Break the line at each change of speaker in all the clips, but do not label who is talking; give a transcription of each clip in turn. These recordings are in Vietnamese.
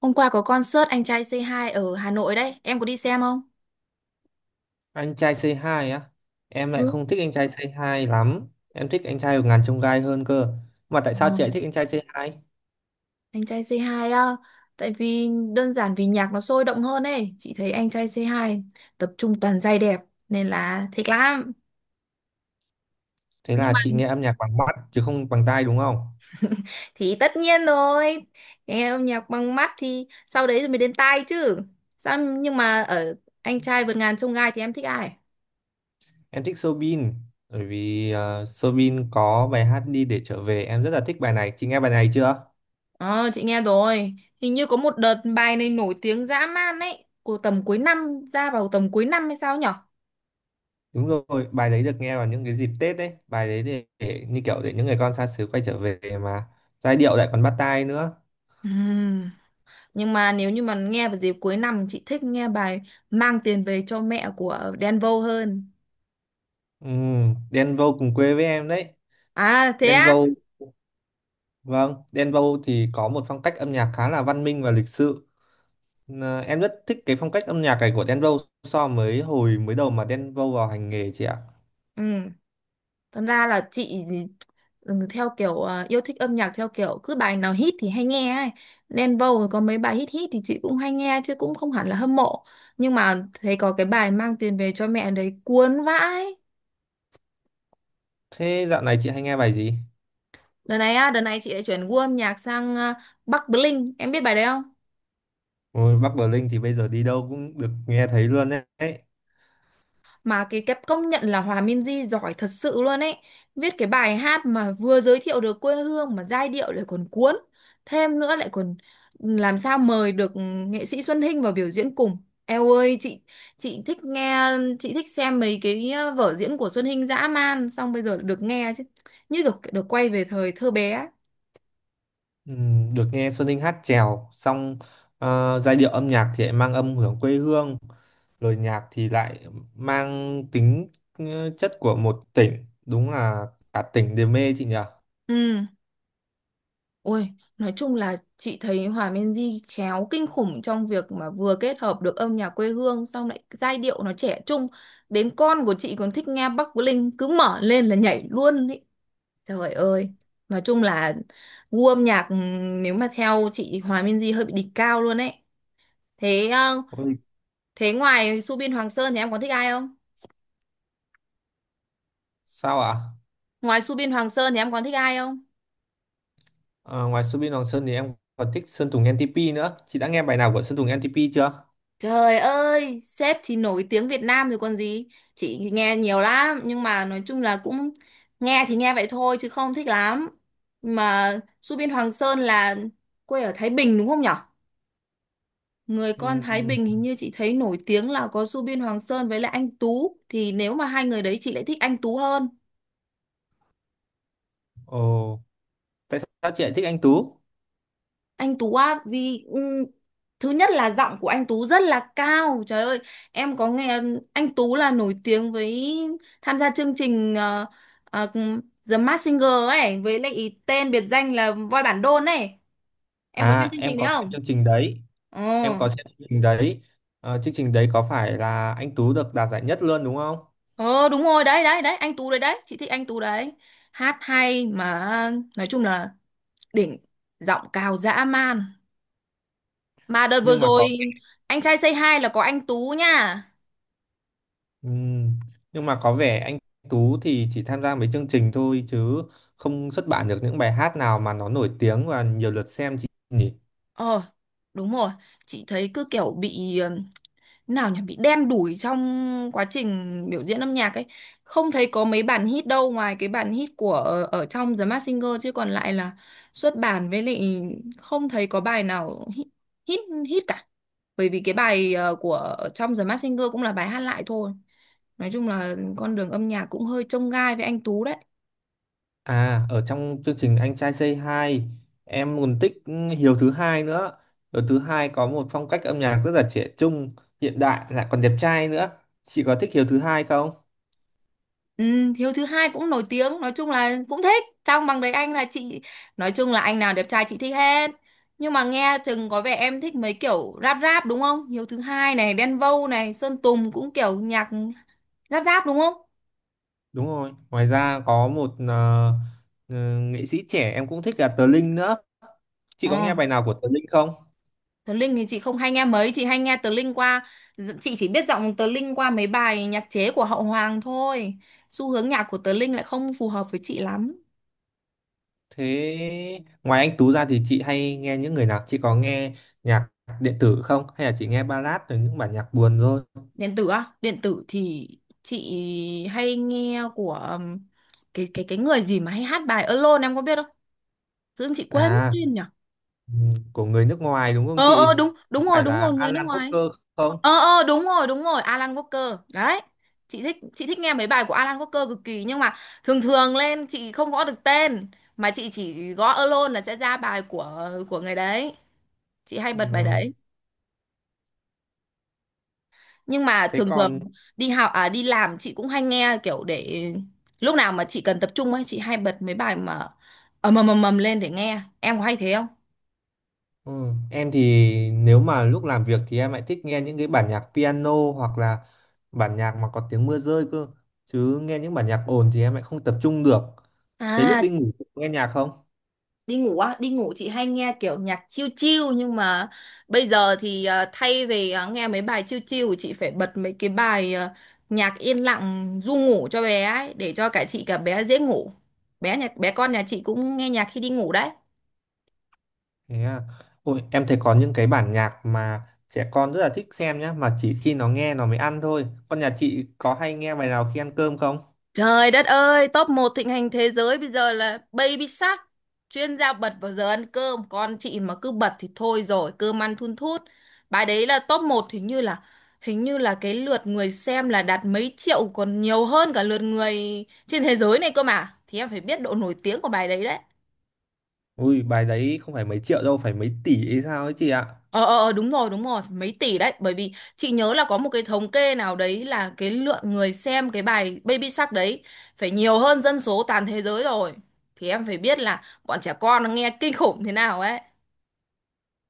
Hôm qua có concert Anh trai C2 ở Hà Nội đấy, em có đi xem không?
Anh trai Say hai á. Em lại
Ừ.
không thích anh trai Say hai lắm. Em thích anh trai của ngàn chông gai hơn cơ. Mà tại
Ờ.
sao chị lại thích anh trai Say hai?
Anh trai C2 á, tại vì đơn giản vì nhạc nó sôi động hơn ấy, chị thấy Anh trai C2 tập trung toàn giai đẹp nên là thích lắm.
Thế
Nhưng
là
mà
chị nghe âm nhạc bằng mắt chứ không bằng tai đúng không?
thì tất nhiên rồi, nghe âm nhạc bằng mắt thì sau đấy rồi mới đến tai chứ. Sao nhưng mà ở Anh trai vượt ngàn chông gai thì em thích ai?
Em thích Soobin. Bởi vì Soobin có bài hát Đi Để Trở Về. Em rất là thích bài này. Chị nghe bài này chưa?
Ờ, chị nghe rồi. Hình như có một đợt bài này nổi tiếng dã man ấy, của tầm cuối năm ra vào tầm cuối năm hay sao nhỉ?
Đúng rồi, bài đấy được nghe vào những cái dịp Tết đấy. Bài đấy để như kiểu để những người con xa xứ quay trở về mà. Giai điệu lại còn bắt tai nữa.
Ừm, Nhưng mà nếu như mà nghe vào dịp cuối năm chị thích nghe bài Mang Tiền Về Cho Mẹ của Đen Vâu hơn.
Ừ, Đen Vâu cùng quê với em đấy.
À thế
Đen
á?
Vâu. Vâng, Đen Vâu thì có một phong cách âm nhạc khá là văn minh và lịch sự. Ờ, em rất thích cái phong cách âm nhạc này của Đen Vâu so với hồi mới đầu mà Đen Vâu vào hành nghề chị ạ.
Ừ. Thật ra là chị thì, ừ, theo kiểu yêu thích âm nhạc theo kiểu cứ bài nào hit thì hay nghe ấy. Đen Vâu rồi có mấy bài hit hit thì chị cũng hay nghe chứ cũng không hẳn là hâm mộ. Nhưng mà thấy có cái bài Mang Tiền Về Cho Mẹ đấy cuốn vãi.
Thế dạo này chị hay nghe bài gì?
Đợt này á, đợt này chị lại chuyển gu âm nhạc sang Bắc Bling. Em biết bài đấy không?
Ôi, Bắc Bờ Linh thì bây giờ đi đâu cũng được nghe thấy luôn đấy.
Mà cái công nhận là Hòa Minzy giỏi thật sự luôn ấy, viết cái bài hát mà vừa giới thiệu được quê hương mà giai điệu lại còn cuốn, thêm nữa lại còn làm sao mời được nghệ sĩ Xuân Hinh vào biểu diễn cùng. Eo ơi, chị thích nghe, chị thích xem mấy cái vở diễn của Xuân Hinh dã man, xong bây giờ được nghe chứ như được được quay về thời thơ bé ấy.
Được nghe Xuân Ninh hát chèo, xong giai điệu âm nhạc thì lại mang âm hưởng quê hương, lời nhạc thì lại mang tính chất của một tỉnh. Đúng là cả tỉnh đều mê chị nhỉ?
Ừ. Ôi, nói chung là chị thấy Hòa Minzy khéo kinh khủng trong việc mà vừa kết hợp được âm nhạc quê hương xong lại giai điệu nó trẻ trung. Đến con của chị còn thích nghe Bắc Linh, cứ mở lên là nhảy luôn ý. Trời ơi, nói chung là gu âm nhạc, nếu mà theo chị thì Hòa Minzy hơi bị đỉnh cao luôn ấy. Thế ờ,
Ôi,
thế ngoài Subin Hoàng Sơn thì em còn thích ai không?
sao ạ?
Ngoài Subin Hoàng Sơn thì em còn thích ai không?
Ờ, ngoài Subin Hoàng Sơn thì em còn thích Sơn Tùng NTP nữa. Chị đã nghe bài nào của Sơn Tùng NTP chưa?
Trời ơi, sếp thì nổi tiếng Việt Nam rồi còn gì. Chị nghe nhiều lắm, nhưng mà nói chung là cũng nghe thì nghe vậy thôi chứ không thích lắm. Mà Su Biên Hoàng Sơn là quê ở Thái Bình đúng không nhở? Người con Thái
Ừm,
Bình hình như chị thấy nổi tiếng là có Su Biên Hoàng Sơn với lại anh Tú. Thì nếu mà hai người đấy chị lại thích anh Tú hơn.
Ồ, tại sao chị lại thích anh Tú?
Anh Tú á, vì thứ nhất là giọng của anh Tú rất là cao. Trời ơi, em có nghe anh Tú là nổi tiếng với tham gia chương trình ờ, The Masked Singer ấy với lại tên biệt danh là voi bản đôn ấy. Em có xem
À,
chương
em
trình đấy
có xem chương
không?
trình đấy.
Ờ.
Em có xem chương trình đấy. Ờ, chương trình đấy có phải là anh Tú được đạt giải nhất luôn đúng không?
Ờ đúng rồi, đấy đấy đấy, anh Tú đấy đấy, chị thích anh Tú đấy. Hát hay mà nói chung là đỉnh, giọng cao dã man. Mà đợt vừa
Nhưng mà
rồi
có
anh trai Say Hi là có anh Tú nha.
ừm, nhưng mà có vẻ anh Tú thì chỉ tham gia mấy chương trình thôi chứ không xuất bản được những bài hát nào mà nó nổi tiếng và nhiều lượt xem chị nhỉ?
Ờ, đúng rồi. Chị thấy cứ kiểu bị, nào nhỉ, bị đen đủi trong quá trình biểu diễn âm nhạc ấy. Không thấy có mấy bản hit đâu ngoài cái bản hit của ở trong The Masked Singer chứ còn lại là xuất bản, với lại không thấy có bài nào hit hit, hit cả. Bởi vì cái bài của ở trong The Masked Singer cũng là bài hát lại thôi. Nói chung là con đường âm nhạc cũng hơi chông gai với anh Tú đấy.
À, ở trong chương trình Anh trai Say Hi, em còn thích Hiếu thứ hai nữa. Hiếu thứ hai có một phong cách âm nhạc rất là trẻ trung, hiện đại lại còn đẹp trai nữa. Chị có thích Hiếu thứ hai không?
Ừ, Hiếu thứ hai cũng nổi tiếng, nói chung là cũng thích trong bằng đấy anh, là chị nói chung là anh nào đẹp trai chị thích hết, nhưng mà nghe chừng có vẻ em thích mấy kiểu rap rap đúng không? Hiếu thứ hai này, Đen Vâu này, Sơn Tùng cũng kiểu nhạc rap rap đúng không?
Đúng rồi. Ngoài ra có một nghệ sĩ trẻ em cũng thích là Tờ Linh nữa. Chị có
Ờ,
nghe bài nào của Tờ Linh không?
Tờ Linh thì chị không hay nghe mấy, chị hay nghe Tờ Linh qua, chị chỉ biết giọng Tờ Linh qua mấy bài nhạc chế của Hậu Hoàng thôi, xu hướng nhạc của Tờ Linh lại không phù hợp với chị lắm.
Thế ngoài anh Tú ra thì chị hay nghe những người nào? Chị có nghe nhạc điện tử không? Hay là chị nghe ballad rồi những bản nhạc buồn thôi?
Điện tử á, điện tử thì chị hay nghe của cái người gì mà hay hát bài Alone, em có biết không? Tự dưng chị quên mất
À,
tên nhỉ.
ừ, của người nước ngoài đúng không
ờ
chị?
ờ đúng đúng
Có
rồi
phải
đúng rồi
là
người nước
Alan
ngoài.
Walker không?
Ờ, đúng rồi, Alan Walker đấy. Chị thích nghe mấy bài của Alan Walker cực kỳ, nhưng mà thường thường lên chị không gõ được tên, mà chị chỉ gõ Alone là sẽ ra bài của người đấy, chị hay bật bài
Ừ.
đấy. Nhưng mà
Thế
thường thường
còn
đi học à đi làm chị cũng hay nghe kiểu để lúc nào mà chị cần tập trung ấy, chị hay bật mấy bài mà ầm ầm lên để nghe, em có hay thế không?
ừ, em thì nếu mà lúc làm việc thì em lại thích nghe những cái bản nhạc piano hoặc là bản nhạc mà có tiếng mưa rơi cơ. Chứ nghe những bản nhạc ồn thì em lại không tập trung được. Thế lúc đi
À,
ngủ nghe nhạc không?
đi ngủ á, đi ngủ chị hay nghe kiểu nhạc chill chill, nhưng mà bây giờ thì thay vì nghe mấy bài chill chill chị phải bật mấy cái bài, nhạc yên lặng ru ngủ cho bé ấy để cho cả chị cả bé dễ ngủ. Bé nhà con nhà chị cũng nghe nhạc khi đi ngủ đấy.
Thế à. Ôi, em thấy có những cái bản nhạc mà trẻ con rất là thích xem nhá, mà chỉ khi nó nghe nó mới ăn thôi. Con nhà chị có hay nghe bài nào khi ăn cơm không?
Trời đất ơi, top một thịnh hành thế giới bây giờ là Baby Shark, chuyên gia bật vào giờ ăn cơm, con chị mà cứ bật thì thôi rồi, cơm ăn thun thút. Bài đấy là top một, hình như là cái lượt người xem là đạt mấy triệu còn nhiều hơn cả lượt người trên thế giới này cơ mà. Thì em phải biết độ nổi tiếng của bài đấy đấy.
Ui, bài đấy không phải mấy triệu đâu, phải mấy tỷ hay sao ấy chị ạ.
Ờ, ờ, đúng rồi mấy tỷ đấy, bởi vì chị nhớ là có một cái thống kê nào đấy là cái lượng người xem cái bài Baby Shark đấy phải nhiều hơn dân số toàn thế giới rồi, thì em phải biết là bọn trẻ con nó nghe kinh khủng thế nào ấy.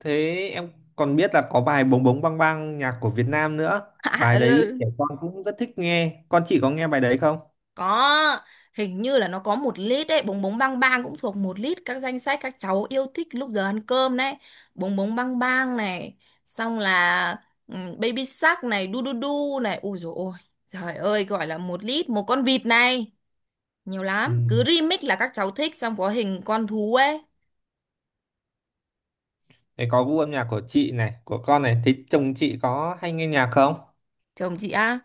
Thế em còn biết là có bài Bống Bống Bang Bang nhạc của Việt Nam nữa.
À,
Bài đấy
ừ.
trẻ con cũng rất thích nghe. Con chị có nghe bài đấy không?
Có, hình như là nó có một lít đấy, Bống Bống Bang Bang cũng thuộc một lít các danh sách các cháu yêu thích lúc giờ ăn cơm đấy. Bống Bống Bang Bang này, xong là, ừ, Baby Shark này, đu đu đu này, ui dồi ôi. Trời ơi, gọi là một lít một con vịt này. Nhiều
Ừ.
lắm, cứ remix là các cháu thích, xong có hình con thú ấy.
Thế có gu âm nhạc của chị này, của con này. Thế chồng chị có hay nghe nhạc không?
Chồng chị á,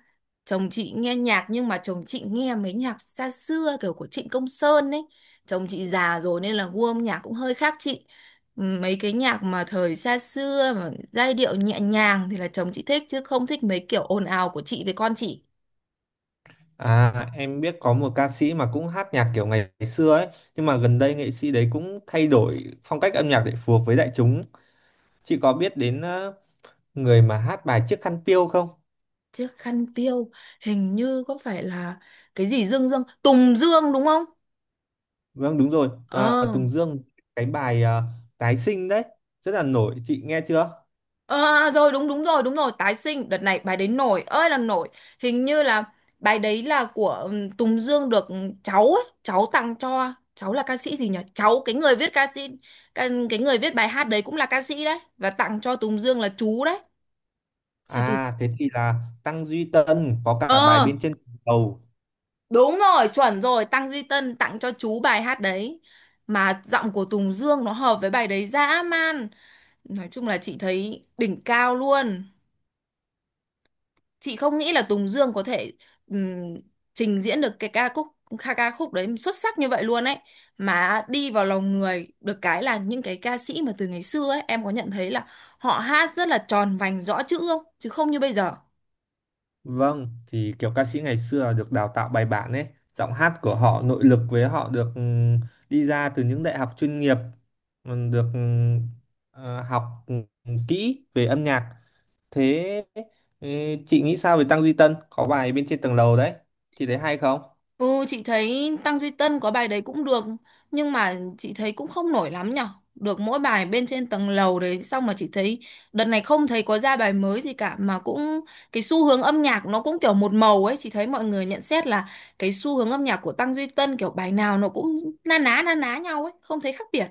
chồng chị nghe nhạc, nhưng mà chồng chị nghe mấy nhạc xa xưa kiểu của Trịnh Công Sơn ấy. Chồng chị già rồi nên là gu âm nhạc cũng hơi khác chị. Ừ, mấy cái nhạc mà thời xa xưa mà giai điệu nhẹ nhàng thì là chồng chị thích chứ không thích mấy kiểu ồn ào của chị với con chị.
À, em biết có một ca sĩ mà cũng hát nhạc kiểu ngày xưa ấy. Nhưng mà gần đây nghệ sĩ đấy cũng thay đổi phong cách âm nhạc để phù hợp với đại chúng. Chị có biết đến người mà hát bài Chiếc khăn piêu không?
Chiếc khăn piêu, hình như có phải là cái gì dương dương Tùng Dương đúng không?
Vâng đúng rồi,
Ờ.
à, Tùng Dương. Cái bài tái sinh đấy rất là nổi, chị nghe chưa?
Ờ, à, rồi đúng đúng rồi tái sinh, đợt này bài đấy nổi ơi là nổi. Hình như là bài đấy là của Tùng Dương được cháu ấy, cháu tặng cho, cháu là ca sĩ gì nhỉ, cháu, cái người viết ca sĩ, cái người viết bài hát đấy cũng là ca sĩ đấy và tặng cho Tùng Dương là chú đấy. Sư tử,
À thế thì là Tăng Duy Tân có cả bài
ờ
bên trên đầu.
đúng rồi, chuẩn rồi, Tăng Duy Tân tặng cho chú bài hát đấy. Mà giọng của Tùng Dương nó hợp với bài đấy dã man, nói chung là chị thấy đỉnh cao luôn. Chị không nghĩ là Tùng Dương có thể, ừm, trình diễn được cái ca khúc, ca ca khúc đấy xuất sắc như vậy luôn ấy, mà đi vào lòng người. Được cái là những cái ca sĩ mà từ ngày xưa ấy, em có nhận thấy là họ hát rất là tròn vành rõ chữ, không chứ không như bây giờ.
Vâng, thì kiểu ca sĩ ngày xưa là được đào tạo bài bản ấy, giọng hát của họ nội lực với họ được đi ra từ những đại học chuyên nghiệp, được học kỹ về âm nhạc. Thế ừ, chị nghĩ sao về Tăng Duy Tân có bài bên trên tầng lầu đấy, chị thấy hay không?
Ừ, chị thấy Tăng Duy Tân có bài đấy cũng được, nhưng mà chị thấy cũng không nổi lắm nhở, được mỗi bài bên trên tầng lầu đấy, xong mà chị thấy đợt này không thấy có ra bài mới gì cả, mà cũng cái xu hướng âm nhạc nó cũng kiểu một màu ấy, chị thấy mọi người nhận xét là cái xu hướng âm nhạc của Tăng Duy Tân kiểu bài nào nó cũng na ná nhau ấy, không thấy khác biệt.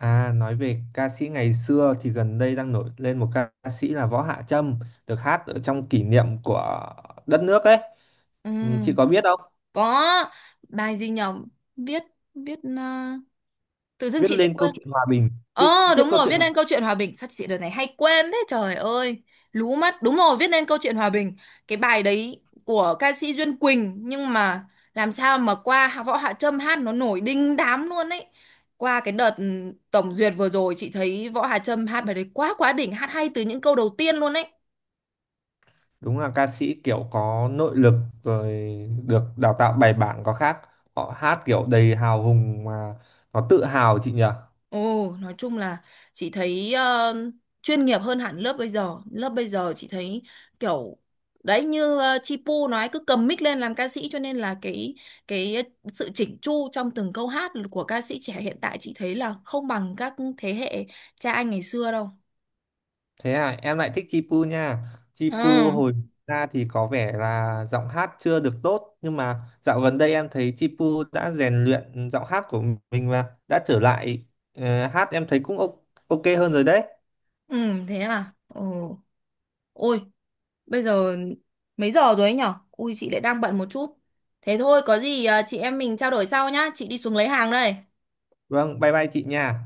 À, nói về ca sĩ ngày xưa thì gần đây đang nổi lên một ca sĩ là Võ Hạ Trâm, được hát ở trong kỷ niệm của đất nước ấy.
Ừ.
Ừ, chị có biết không?
Có bài gì nhở? Viết viết tự dưng
Viết
chị lại
lên câu
quên.
chuyện hòa bình, viết
Ờ
tiếp
đúng
câu
rồi,
chuyện
viết
hòa bình.
nên câu chuyện hòa bình, sao chị đợt này hay quên thế trời ơi, lú mất. Đúng rồi, viết nên câu chuyện hòa bình, cái bài đấy của ca sĩ Duyên Quỳnh, nhưng mà làm sao mà qua Võ Hạ Trâm hát nó nổi đinh đám luôn ấy. Qua cái đợt tổng duyệt vừa rồi chị thấy Võ Hạ Trâm hát bài đấy quá quá đỉnh, hát hay từ những câu đầu tiên luôn ấy.
Đúng là ca sĩ kiểu có nội lực rồi được đào tạo bài bản có khác. Họ hát kiểu đầy hào hùng mà nó tự hào chị nhỉ?
Ồ, nói chung là chị thấy chuyên nghiệp hơn hẳn lớp bây giờ. Lớp bây giờ chị thấy kiểu đấy, như Chi Pu nói cứ cầm mic lên làm ca sĩ, cho nên là cái sự chỉnh chu trong từng câu hát của ca sĩ trẻ hiện tại chị thấy là không bằng các thế hệ cha anh ngày xưa đâu.
Thế à, em lại thích Chipu nha.
Ừ,
Chipu hồi ra thì có vẻ là giọng hát chưa được tốt nhưng mà dạo gần đây em thấy Chipu đã rèn luyện giọng hát của mình và đã trở lại hát em thấy cũng ok ok hơn rồi đấy.
ừ, thế à. Ồ, ôi, bây giờ mấy giờ rồi ấy nhở? Ui chị lại đang bận một chút. Thế thôi, có gì chị em mình trao đổi sau nhá. Chị đi xuống lấy hàng đây.
Vâng, bye bye chị nha.